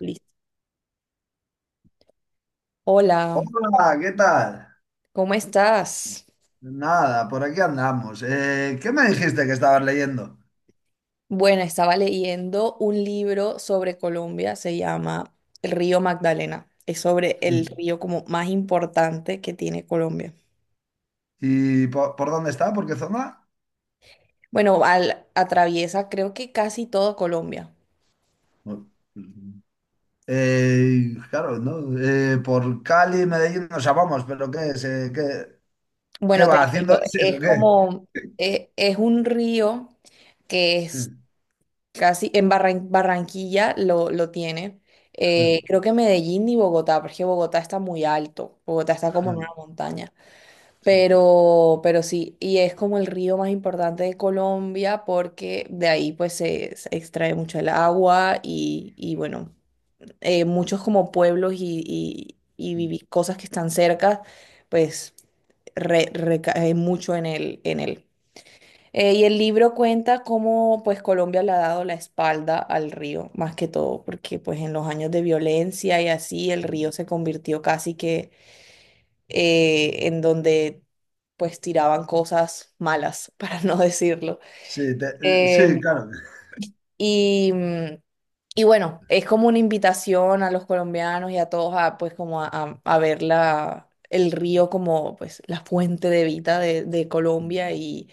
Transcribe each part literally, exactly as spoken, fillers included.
Listo. Hola, Hola, ¿qué tal? ¿cómo estás? Nada, por aquí andamos. Eh, ¿qué me dijiste que estabas leyendo? Bueno, estaba leyendo un libro sobre Colombia, se llama El río Magdalena. Es sobre el Mm. río como más importante que tiene Colombia. ¿Y po- por, dónde está? ¿Por qué zona? Bueno, al, atraviesa creo que casi todo Colombia. No. Eh, claro, ¿no? Eh, por Cali, Medellín, no sabemos, pero ¿qué es? Eh, ¿qué, qué Bueno, te va haciendo cuento, ese o es qué? como, eh, es un río que es Mm, casi, en Barran- Barranquilla lo, lo tiene. mm, Eh, creo que Medellín y Bogotá, porque Bogotá está muy alto, Bogotá está como en una mm, montaña. sí, Pero, pero sí, y es como el río más importante de Colombia porque de ahí pues se, se extrae mucho el agua y, y bueno, eh, muchos como pueblos y, y- y mm, vivi- cosas que están cerca, pues re- recae mucho en él, en él. Eh, y el libro cuenta cómo pues Colombia le ha dado la espalda al río, más que todo, porque pues en los años de violencia y así el mm. río se convirtió casi que eh, en donde pues tiraban cosas malas, para no decirlo. Sí, te- eh, Em, sí, claro. y, mm, y bueno, es como una invitación a los colombianos y a todos a pues como a, a- a ver la, el río como pues la fuente de vida de, de Mm, Colombia y,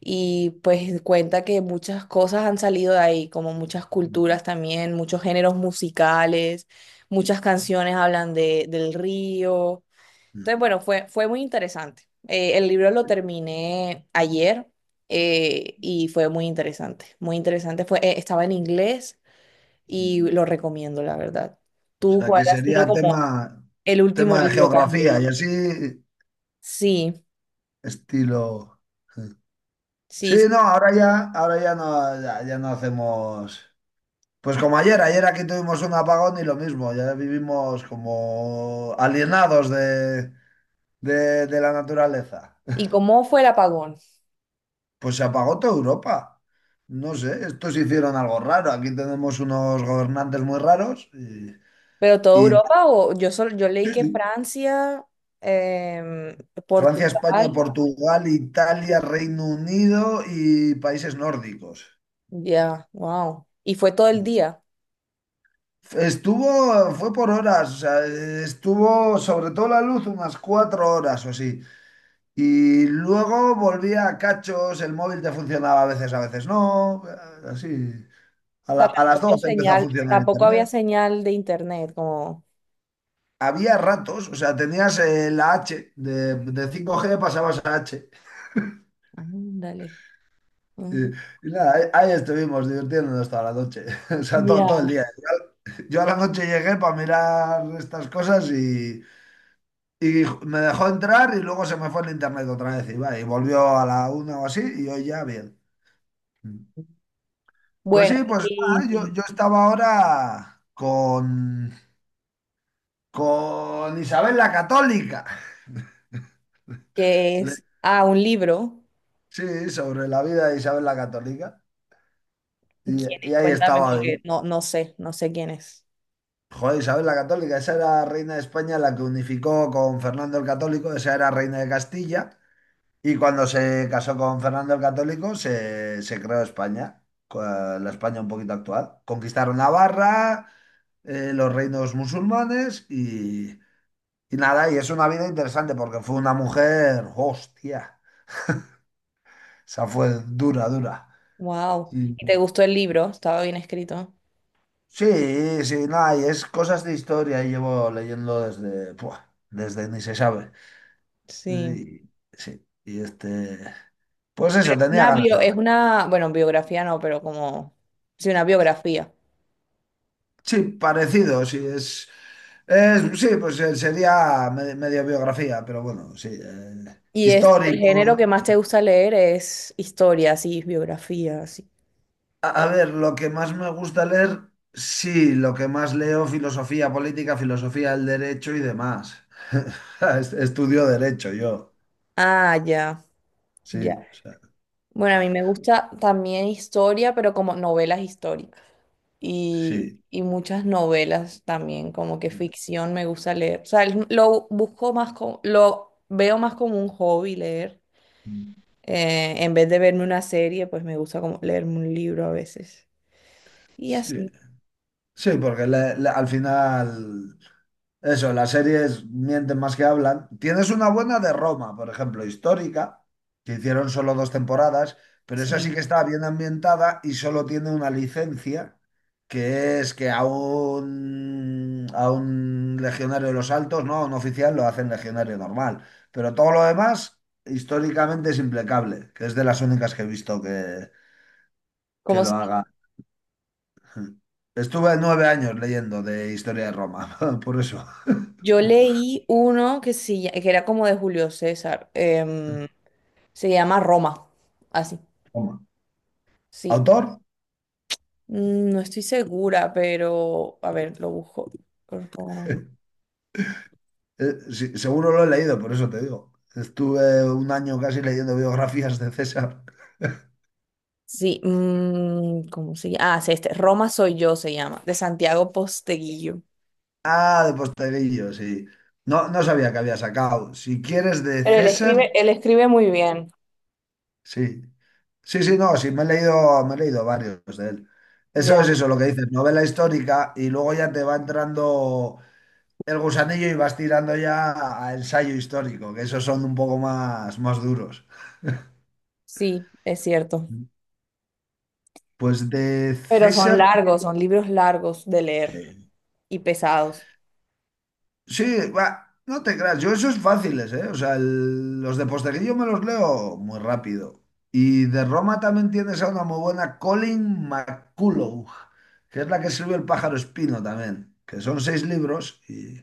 y pues cuenta que muchas cosas han salido de ahí, como muchas mm, culturas también, muchos géneros musicales, muchas canciones hablan de, del río. mm, Entonces, bueno, fue, fue muy interesante. Eh, el libro lo terminé ayer eh, y fue muy interesante. Muy interesante. Fue, eh, estaba en inglés y mm. lo recomiendo, la verdad. O ¿Tú sea, cuál que ha sido sería tema, como el último tema de libro que has geografía y leído? así, Sí, estilo. Mm, sí, sí, sí. no, ahora ya, ahora ya no, ya, ya no hacemos. Pues como ayer, ayer aquí tuvimos un apagón y lo mismo, ya vivimos como alienados de, de, de la naturaleza. ¿Y cómo fue el apagón? Pues se apagó toda Europa. No sé, estos hicieron algo raro. Aquí tenemos unos gobernantes muy raros. Y, ¿Pero toda y Europa o yo solo, yo leí que Francia, em, Francia, España, Portugal, Portugal, Italia, Reino Unido y países nórdicos. ya, wow? ¿Y fue todo el día? Estuvo, fue por horas, o sea, estuvo sobre todo la luz unas cuatro horas o así. Y luego volvía a cachos, el móvil te funcionaba a veces, a veces no, así. A, O la- sea, A las ¿tampoco 12 empezó a señal, funcionar tampoco había internet. señal de internet, como? Había ratos, o sea, tenías eh, la H, de, de cinco g pasabas a H. Ándale. Y, Ujú. y nada, ahí, ahí estuvimos divirtiéndonos toda la noche, o sea, todo, Ya. todo el día. Yo a la noche llegué para mirar estas cosas y Y me dejó entrar y luego se me fue el internet otra vez. Y, va, y volvió a la una o así y hoy ya bien. Pues Bueno, sí, pues nada, yo, ¿y yo estaba ahora con, con Isabel la Católica. que Le- es? Ah, un libro. sí, sobre la vida de Isabel la Católica. Y, ¿Quién Y es? ahí Cuéntame, estaba porque hoy. no, no sé, no sé quién es. Joder, Isabel la Católica, esa era reina de España, la que unificó con Fernando el Católico. Esa era reina de Castilla. Y cuando se casó con Fernando el Católico, se, se creó España, co- la España un poquito actual. Conquistaron Navarra, eh, los reinos musulmanes y, y nada, y es una vida interesante porque fue una mujer, hostia, esa fue dura, dura. Wow. Y- ¿Y te gustó el libro? ¿Estaba bien escrito? sí, sí, nada, y es cosas de historia y llevo leyendo desde, puah, desde ni se sabe. Sí. Y sí, y este, pues eso, tenía Una ganas de... bio- es una, bueno, biografía no, pero como, sí, una biografía. Sí, parecido, sí, es, es- sí, pues eh, sería me- medio biografía, pero bueno, sí, eh, ¿Y es el género histórico. que más te gusta leer es historias y biografías? Y- A a ver, lo que más me gusta leer, sí, lo que más leo, filosofía política, filosofía del derecho y demás. Est- Estudio derecho yo, Ah, ya, ya. sí, o sea, Bueno, a mí me gusta también historia, pero como novelas históricas. Y, sí. y muchas novelas también, como que ficción me gusta leer. O sea, el- lo busco más como, lo veo más como un hobby leer. Mm, Eh, en vez de verme una serie, pues me gusta como leerme un libro a veces. Y sí, así, sí, porque le- le- al final. Eso, las series mienten más que hablan. Tienes una buena de Roma, por ejemplo, histórica, que hicieron solo dos temporadas, pero esa sí sí. que está bien ambientada y solo tiene una licencia, que es que a un, a un legionario de los altos, no, un oficial, lo hacen legionario normal. Pero todo lo demás, históricamente es implacable, que es de las únicas que he visto que, que Como si- lo haga. Estuve nueve años leyendo de historia de Roma, por eso. yo leí uno que, sí que era como de Julio César. em, se llama Roma. Así. Roma. Sí, ¿Autor? Mm, no estoy segura, pero a ver, lo busco. Ro- Eh, sí, seguro lo he leído, por eso te digo. Estuve un año casi leyendo biografías de César. Sí, mm, ¿cómo se llama? Ah, sí, este. Roma soy yo se llama, de Santiago Posteguillo. Ah, de Posteguillo, sí. No, no sabía que había sacado. Si quieres de Pero él César, escribe, él escribe muy bien, sí. Sí, sí, no, sí, me he leído, me he leído varios de él. Eso ya. es eso, lo que dices, novela histórica y luego ya te va entrando el gusanillo y vas tirando ya a a ensayo histórico, que esos son un poco más, más duros. Sí, es cierto. Pues de Pero son César. largos, son libros largos de leer Sí. y pesados. Sí, va, no te creas, yo esos fáciles, ¿eh? O sea, el- los de Posteguillo me los leo muy rápido. Y de Roma también tienes a una muy buena, Colin McCullough, que es la que escribió El pájaro espino también, que son seis libros, y,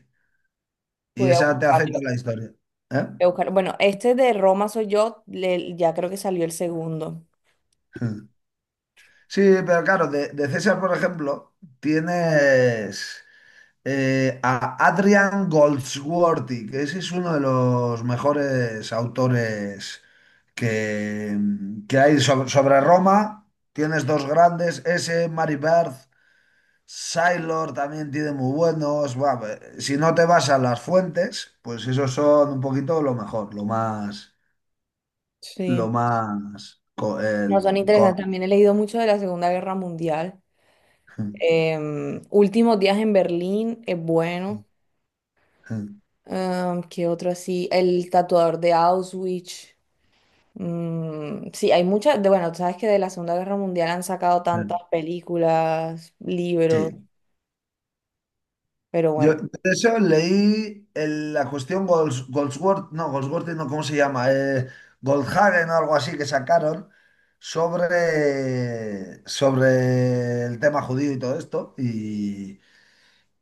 y Voy a esa te hace buscarlo. Voy toda la historia, ¿eh? a buscar- Bueno, este de Roma soy yo, le- ya creo que salió el segundo. Sí, pero claro, de, de César, por ejemplo, tienes, eh, a Adrian Goldsworthy, que ese es uno de los mejores autores que, que hay sobre, sobre Roma. Tienes dos grandes, ese, Mary Berth, Sailor también tiene muy buenos. Buah, ve- si no te vas a las fuentes, pues esos son un poquito lo mejor, lo más, Sí. lo más, co- No, son el- interesantes. con- También he leído mucho de la Segunda Guerra Mundial. Em, Últimos días en Berlín es bueno. Em, ¿qué otro así? El tatuador de Auschwitz. Mm, sí, hay muchas, de, bueno, tú sabes que de la Segunda Guerra Mundial han sacado tantas películas, libros, Sí. pero Yo bueno, de eso leí el- la cuestión Golds- Goldsworth, no, Goldsworth no, ¿cómo se llama? Eh, Goldhagen o algo así, que sacaron sobre, sobre el tema judío y todo esto. Y,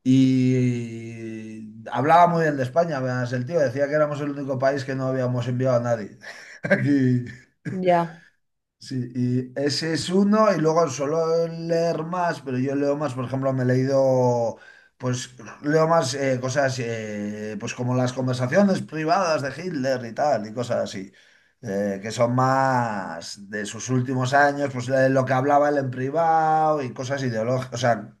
Y hablaba muy bien de España, además el tío decía que éramos el único país que no habíamos enviado a nadie. Aquí. ya, Sí, y ese es uno, y luego suelo leer más, pero yo leo más, por ejemplo, me he leído, pues leo más eh, cosas, eh, pues como las conversaciones privadas de Hitler y tal, y cosas así, eh, que son más de sus últimos años, pues de lo que hablaba él en privado y cosas ideológicas, o sea,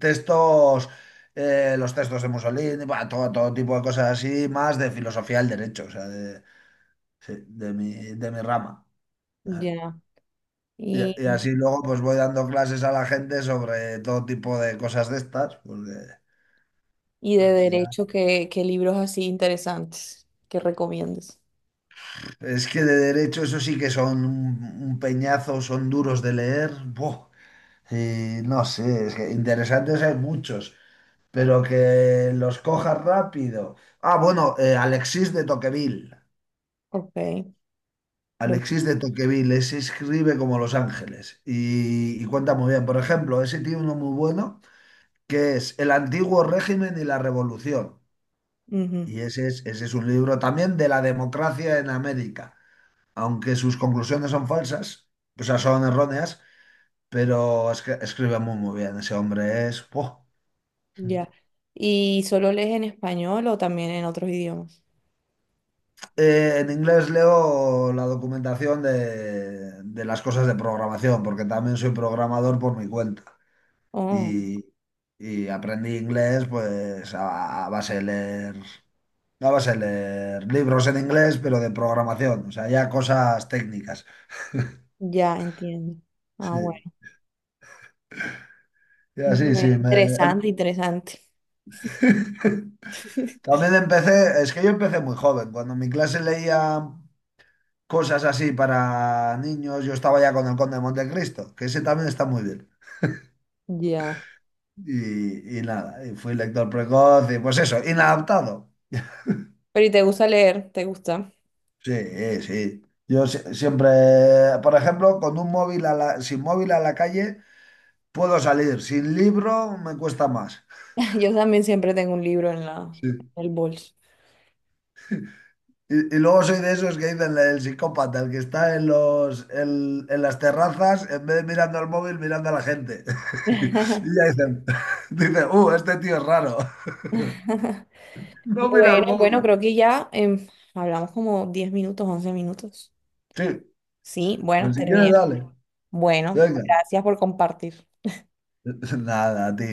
textos, eh, los textos de Mussolini, bah, todo, todo tipo de cosas así, más de filosofía del derecho, o sea, de, sí, de mi, de mi rama. ya. Y, Y, y así luego pues voy dando clases a la gente sobre todo tipo de cosas de estas, porque y de al final... derecho, ¿qué, qué libros así interesantes que recomiendes? Es que de derecho eso sí que son un, un peñazo, son duros de leer. Buah. Y no sé, es que interesantes hay muchos, pero que los cojas rápido. Ah, bueno, eh, Alexis de Tocqueville. Ok, lo Alexis mismo. de Tocqueville, ese escribe como Los Ángeles y, y cuenta muy bien. Por ejemplo, ese tiene uno muy bueno, que es El antiguo régimen y la revolución. Ujú, Y ese es, ese es un libro también, de la democracia en América, aunque sus conclusiones son falsas, o sea, son erróneas, pero es que escribe muy, muy bien. Ese hombre es... ¡buah! ya. ¿Y solo lees en español o también en otros idiomas? Eh, en inglés leo la documentación de, de las cosas de programación, porque también soy programador por mi cuenta. Oh, Y, y aprendí inglés pues a, a base de leer, a base de leer libros en inglés, pero de programación, o sea, ya cosas técnicas. ya entiendo. Ah, Sí. bueno. Ya sí, Bien, sí. me- em- interesante, interesante. También empecé, es que yo empecé muy joven. Cuando en mi clase leía cosas así para niños, yo estaba ya con el Conde de Montecristo, que ese también está muy bien. Ya. Y, y nada, y fui lector precoz y pues eso, inadaptado. Pero ¿y te gusta leer? ¿Te gusta? Sí, eh, sí. Yo si- siempre, por ejemplo, con un móvil a la, sin móvil a la calle puedo salir, sin libro me cuesta más. Yo también siempre tengo un libro en la, Sí. en el bolso. Y, y luego soy de esos que dicen el psicópata, el que está en los, en, en las terrazas, en vez de mirando al móvil, mirando a la gente. Y ya dicen, dicen, uh, este tío es raro. No mira al Bueno, bueno, móvil. creo que ya em, hablamos como diez minutos, once minutos. Sí, Sí, bueno, pues si quieres, terminé. dale. Bueno, Venga. gracias por compartir. Nada, tío.